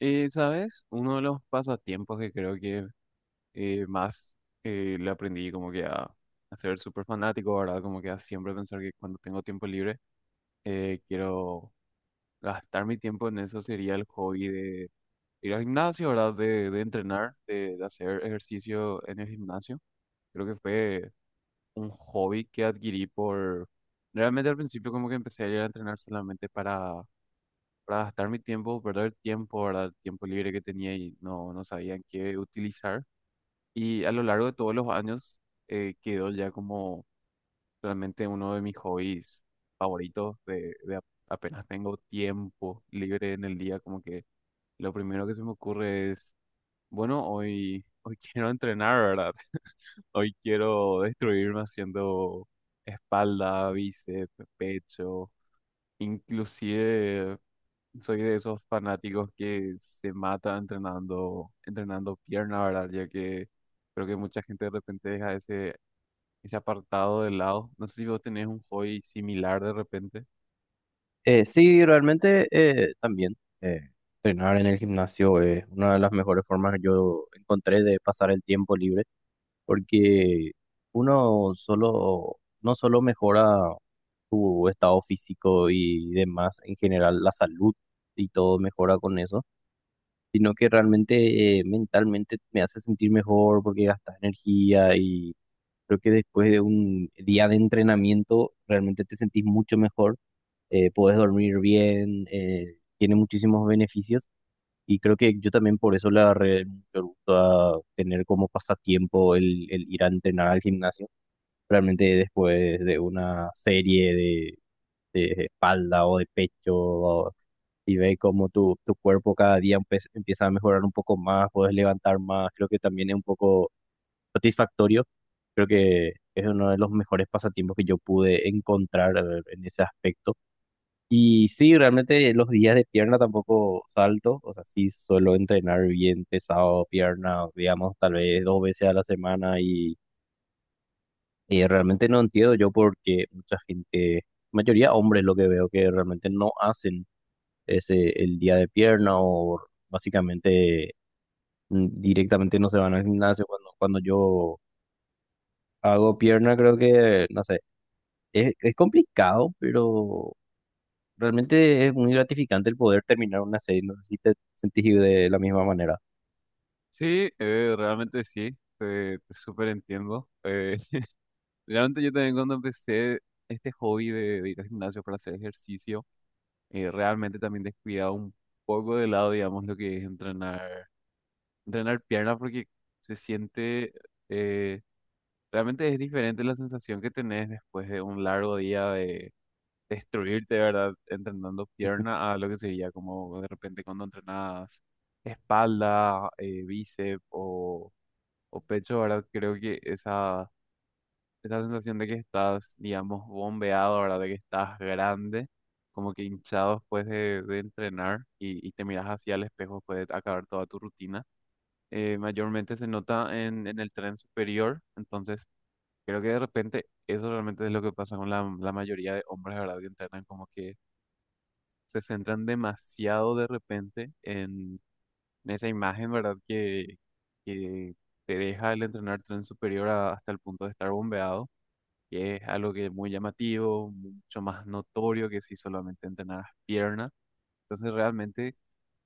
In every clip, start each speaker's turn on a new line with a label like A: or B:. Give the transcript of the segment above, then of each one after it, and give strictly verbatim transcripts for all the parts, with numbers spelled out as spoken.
A: Eh, ¿sabes? Uno de los pasatiempos que creo que eh, más eh, le aprendí como que a, a ser súper fanático, ¿verdad? Como que a siempre pensar que cuando tengo tiempo libre eh, quiero gastar mi tiempo en eso sería el hobby de ir al gimnasio, ¿verdad? De, de entrenar, de, de hacer ejercicio en el gimnasio. Creo que fue un hobby que adquirí por... Realmente al principio como que empecé a ir a entrenar solamente para para gastar mi tiempo, perder tiempo, ¿verdad? El tiempo libre que tenía y no, no sabía en qué utilizar. Y a lo largo de todos los años eh, quedó ya como realmente uno de mis hobbies favoritos de, de a- apenas tengo tiempo libre en el día, como que lo primero que se me ocurre es, bueno, hoy, hoy quiero entrenar, ¿verdad? Hoy quiero destruirme haciendo espalda, bíceps, pecho, inclusive soy de esos fanáticos que se mata entrenando, entrenando pierna, ¿verdad? Ya que creo que mucha gente de repente deja ese, ese apartado de lado. No sé si vos tenés un hobby similar de repente.
B: Eh, sí, realmente eh, también eh, entrenar en el gimnasio es una de las mejores formas que yo encontré de pasar el tiempo libre, porque uno solo, no solo mejora tu estado físico y demás, en general la salud y todo mejora con eso, sino que realmente eh, mentalmente me hace sentir mejor porque gastas energía y creo que después de un día de entrenamiento realmente te sentís mucho mejor. Eh, puedes dormir bien, eh, tiene muchísimos beneficios y creo que yo también por eso le agarré mucho gusto a tener como pasatiempo el, el ir a entrenar al gimnasio. Realmente después de una serie de, de espalda o de pecho o- y ve cómo tu, tu cuerpo cada día empe- empieza a mejorar un poco más, puedes levantar más, creo que también es un poco satisfactorio. Creo que es uno de los mejores pasatiempos que yo pude encontrar eh, en ese aspecto y sí, realmente los días de pierna tampoco salto, o sea, sí suelo entrenar bien pesado pierna, digamos, tal vez dos veces a la semana y, y realmente no entiendo yo porque mucha gente, mayoría hombres lo que veo que realmente no hacen ese el día de pierna o básicamente mm, directamente no se van al gimnasio cuando, cuando yo hago pierna creo que, no sé, es, es complicado, pero realmente es muy gratificante el poder terminar una serie. No sé si te sentís de la misma manera.
A: Sí, eh, realmente sí, te, te súper entiendo. Eh, realmente yo también cuando empecé este hobby de, de ir al gimnasio para hacer ejercicio, eh, realmente también descuidaba un poco de lado, digamos, lo que es entrenar, entrenar pierna porque se siente... eh, Realmente es diferente la sensación que tenés después de un largo día de destruirte, ¿verdad? Entrenando pierna a lo que sería como de repente cuando entrenas espalda, eh, bíceps o, o pecho, ¿verdad? Creo que esa, esa sensación de que estás, digamos, bombeado, ¿verdad? De que estás grande, como que hinchado después de, de entrenar y, y te miras hacia el espejo después de acabar toda tu rutina eh, mayormente se nota en, en el tren superior. Entonces creo que de repente eso realmente es lo que pasa con la, la mayoría de hombres, ¿verdad? Que entrenan como que se centran demasiado de repente en, en, esa imagen, ¿verdad? Que, que te deja el entrenar tren superior a- hasta el punto de estar bombeado, que es algo que es muy llamativo, mucho más notorio que si solamente entrenaras pierna. Entonces realmente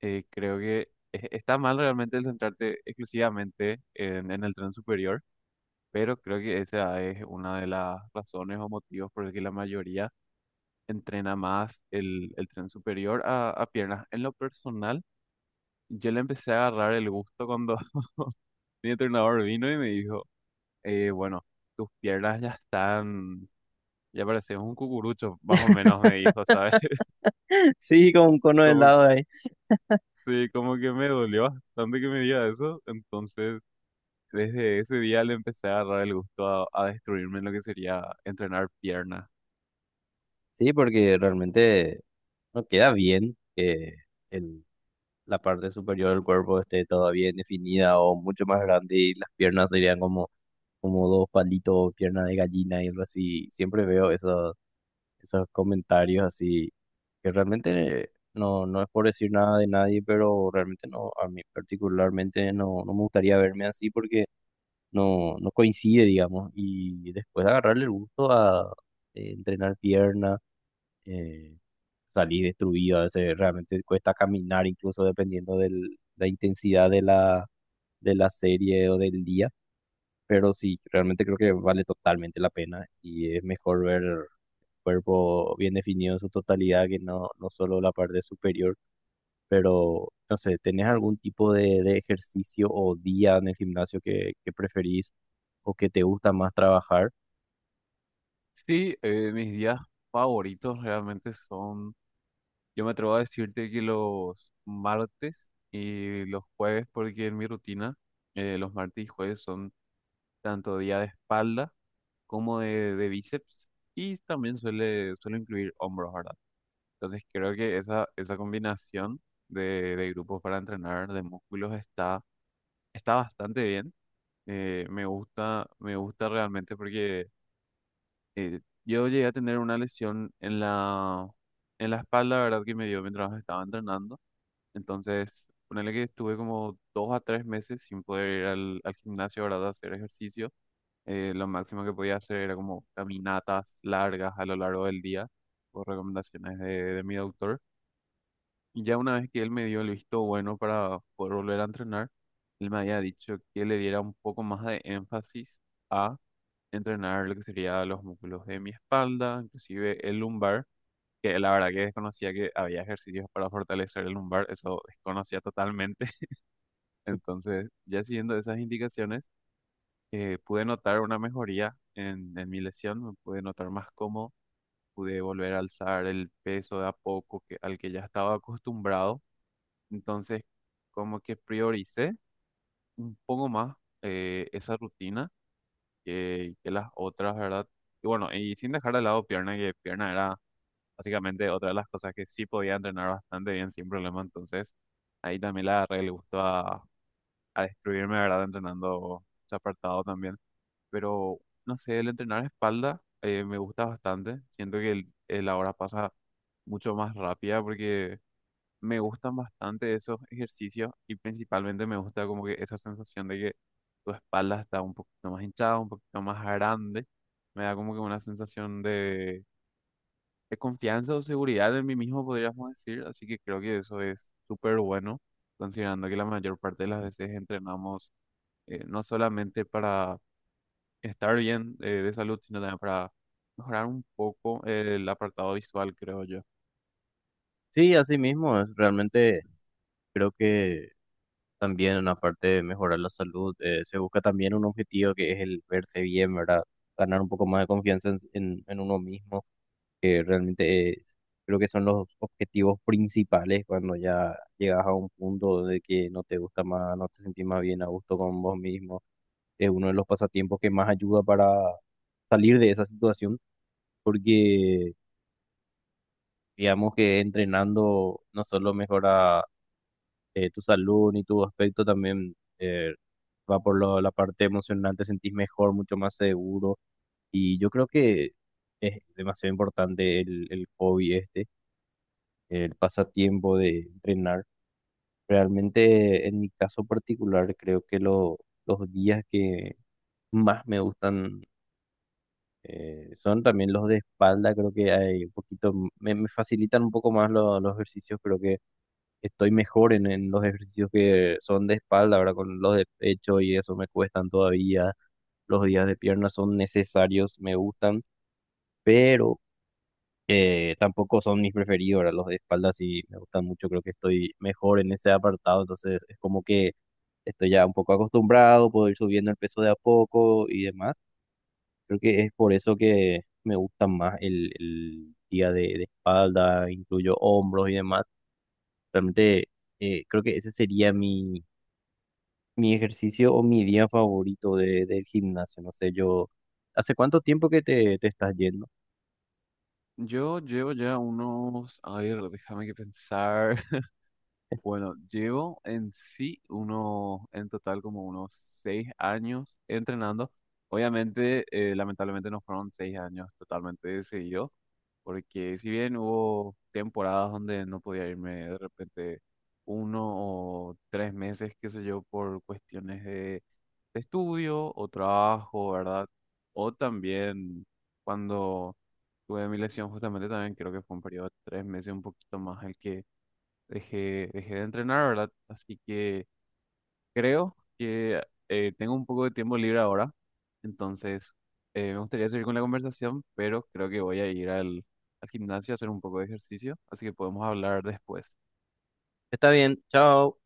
A: eh, creo que e- está mal realmente el centrarte exclusivamente en, en, el tren superior, pero creo que esa es una de las razones o motivos por el que la mayoría entrena más el, el tren superior a, a piernas. En lo personal, yo le empecé a agarrar el gusto cuando mi entrenador vino y me dijo, eh, bueno, tus piernas ya están, ya pareces un cucurucho, más o menos me dijo, ¿sabes?
B: Sí, con un cono de
A: Como,
B: helado ahí.
A: sí, como que me dolió bastante que me diga eso. Entonces, desde ese día le empecé a agarrar el gusto a, a, destruirme en lo que sería entrenar piernas.
B: Sí, porque realmente no queda bien que el, la parte superior del cuerpo esté todavía bien definida o mucho más grande y las piernas serían como, como dos palitos, pierna de gallina y algo así. Siempre veo eso, esos comentarios así, que realmente no, no es por decir nada de nadie, pero realmente no, a mí particularmente no, no me gustaría verme así porque no, no coincide, digamos, y después agarrarle el gusto a eh, entrenar pierna, eh, salir destruido, a veces realmente cuesta caminar incluso dependiendo de la, intensidad de la, de la serie o del día. Pero sí, realmente creo que vale totalmente la pena y es mejor ver el cuerpo bien definido en su totalidad que no, no solo la parte superior. Pero, no sé, ¿tenés algún tipo de, de ejercicio o día en el gimnasio que, que preferís o que te gusta más trabajar?
A: Sí, eh, mis días favoritos realmente son, yo me atrevo a decirte que los martes y los jueves, porque en mi rutina eh, los martes y jueves son tanto día de espalda como de, de bíceps y también suele, suele incluir hombros, ¿verdad? Entonces creo que esa, esa combinación de, de grupos para entrenar de músculos está, está bastante bien. Eh, me gusta, me gusta realmente porque... eh, yo llegué a tener una lesión en la, en la espalda, ¿verdad? Que me dio mientras estaba entrenando. Entonces, ponele que estuve como dos a tres meses sin poder ir al, al gimnasio, ¿verdad? A hacer ejercicio. Eh, lo máximo que podía hacer era como caminatas largas a lo largo del día, por recomendaciones de, de mi doctor. Y ya una vez que él me dio el visto bueno para poder volver a entrenar, él me había dicho que le diera un poco más de énfasis entrenar lo que sería los músculos de mi espalda, inclusive el lumbar, que la verdad que desconocía que había ejercicios para fortalecer el lumbar, eso desconocía totalmente. Entonces, ya siguiendo esas indicaciones, eh, pude notar una mejoría en, en, mi lesión, me pude notar más cómodo, pude volver a alzar el peso de a poco que, al que ya estaba acostumbrado. Entonces, como que prioricé un poco más eh, esa rutina que, que las otras, ¿verdad? Y bueno, y sin dejar de lado pierna, que pierna era básicamente otra de las cosas que sí podía entrenar bastante bien sin problema. Entonces ahí también le agarré el gusto a, a, destruirme, ¿verdad? Entrenando ese apartado también, pero no sé, el entrenar espalda eh, me gusta bastante, siento que el, el la hora pasa mucho más rápida porque me gustan bastante esos ejercicios y principalmente me gusta como que esa sensación de que tu espalda está un poquito más hinchada, un poquito más grande. Me da como que una sensación de, de confianza o seguridad en mí mismo, podríamos decir. Así que creo que eso es súper bueno, considerando que la mayor parte de las veces entrenamos eh, no solamente para estar bien eh, de salud, sino también para mejorar un poco el apartado visual, creo yo.
B: Sí, así mismo, es- realmente creo que también, aparte de mejorar la salud, eh, se busca también un objetivo que es el verse bien, ¿verdad? Ganar un poco más de confianza en en- en uno mismo, que realmente eh, creo que son los objetivos principales cuando ya llegas a un punto de que no te gusta más, no te sentís más bien a gusto con vos mismo. Es uno de los pasatiempos que más ayuda para salir de esa situación, porque digamos que entrenando no solo mejora eh, tu salud ni tu aspecto, también eh, va por lo- la parte emocional, te sentís mejor, mucho más seguro. Y yo creo que es demasiado importante el, el hobby este, el pasatiempo de entrenar. Realmente, en mi caso particular, creo que lo- los días que más me gustan eh, son también los de espalda. Creo que hay un poquito, m- me, me facilitan un poco más lo- los ejercicios. Creo que estoy mejor en, en los ejercicios que son de espalda, ahora con los de pecho y eso me cuestan todavía. Los días de pierna son necesarios, me gustan, pero Eh, tampoco son mis preferidos, ¿verdad? Los de espalda sí me gustan mucho, creo que estoy mejor en ese apartado, entonces es como que estoy ya un poco acostumbrado, puedo ir subiendo el peso de a poco y demás. Creo que es por eso que me gusta más el, el día de, de espalda, incluyo hombros y demás. Realmente eh, creo que ese sería mi, mi ejercicio o mi día favorito de, del gimnasio. No sé, yo, ¿hace cuánto tiempo que te, te estás yendo?
A: Yo llevo ya unos, a ver, déjame que pensar. Bueno, llevo en sí unos, en total como unos seis años entrenando. Obviamente, eh, lamentablemente no fueron seis años totalmente de seguido, porque si bien hubo temporadas donde no podía irme de repente uno o tres meses, qué sé yo, por cuestiones de, de estudio o trabajo, ¿verdad? O también cuando tuve mi lesión, justamente también creo que fue un periodo de tres meses, un poquito más el que dejé, dejé de entrenar, ¿verdad? Así que creo que eh, tengo un poco de tiempo libre ahora, entonces eh, me gustaría seguir con la conversación, pero creo que voy a ir al, al, gimnasio a hacer un poco de ejercicio, así que podemos hablar después.
B: Está bien, chao.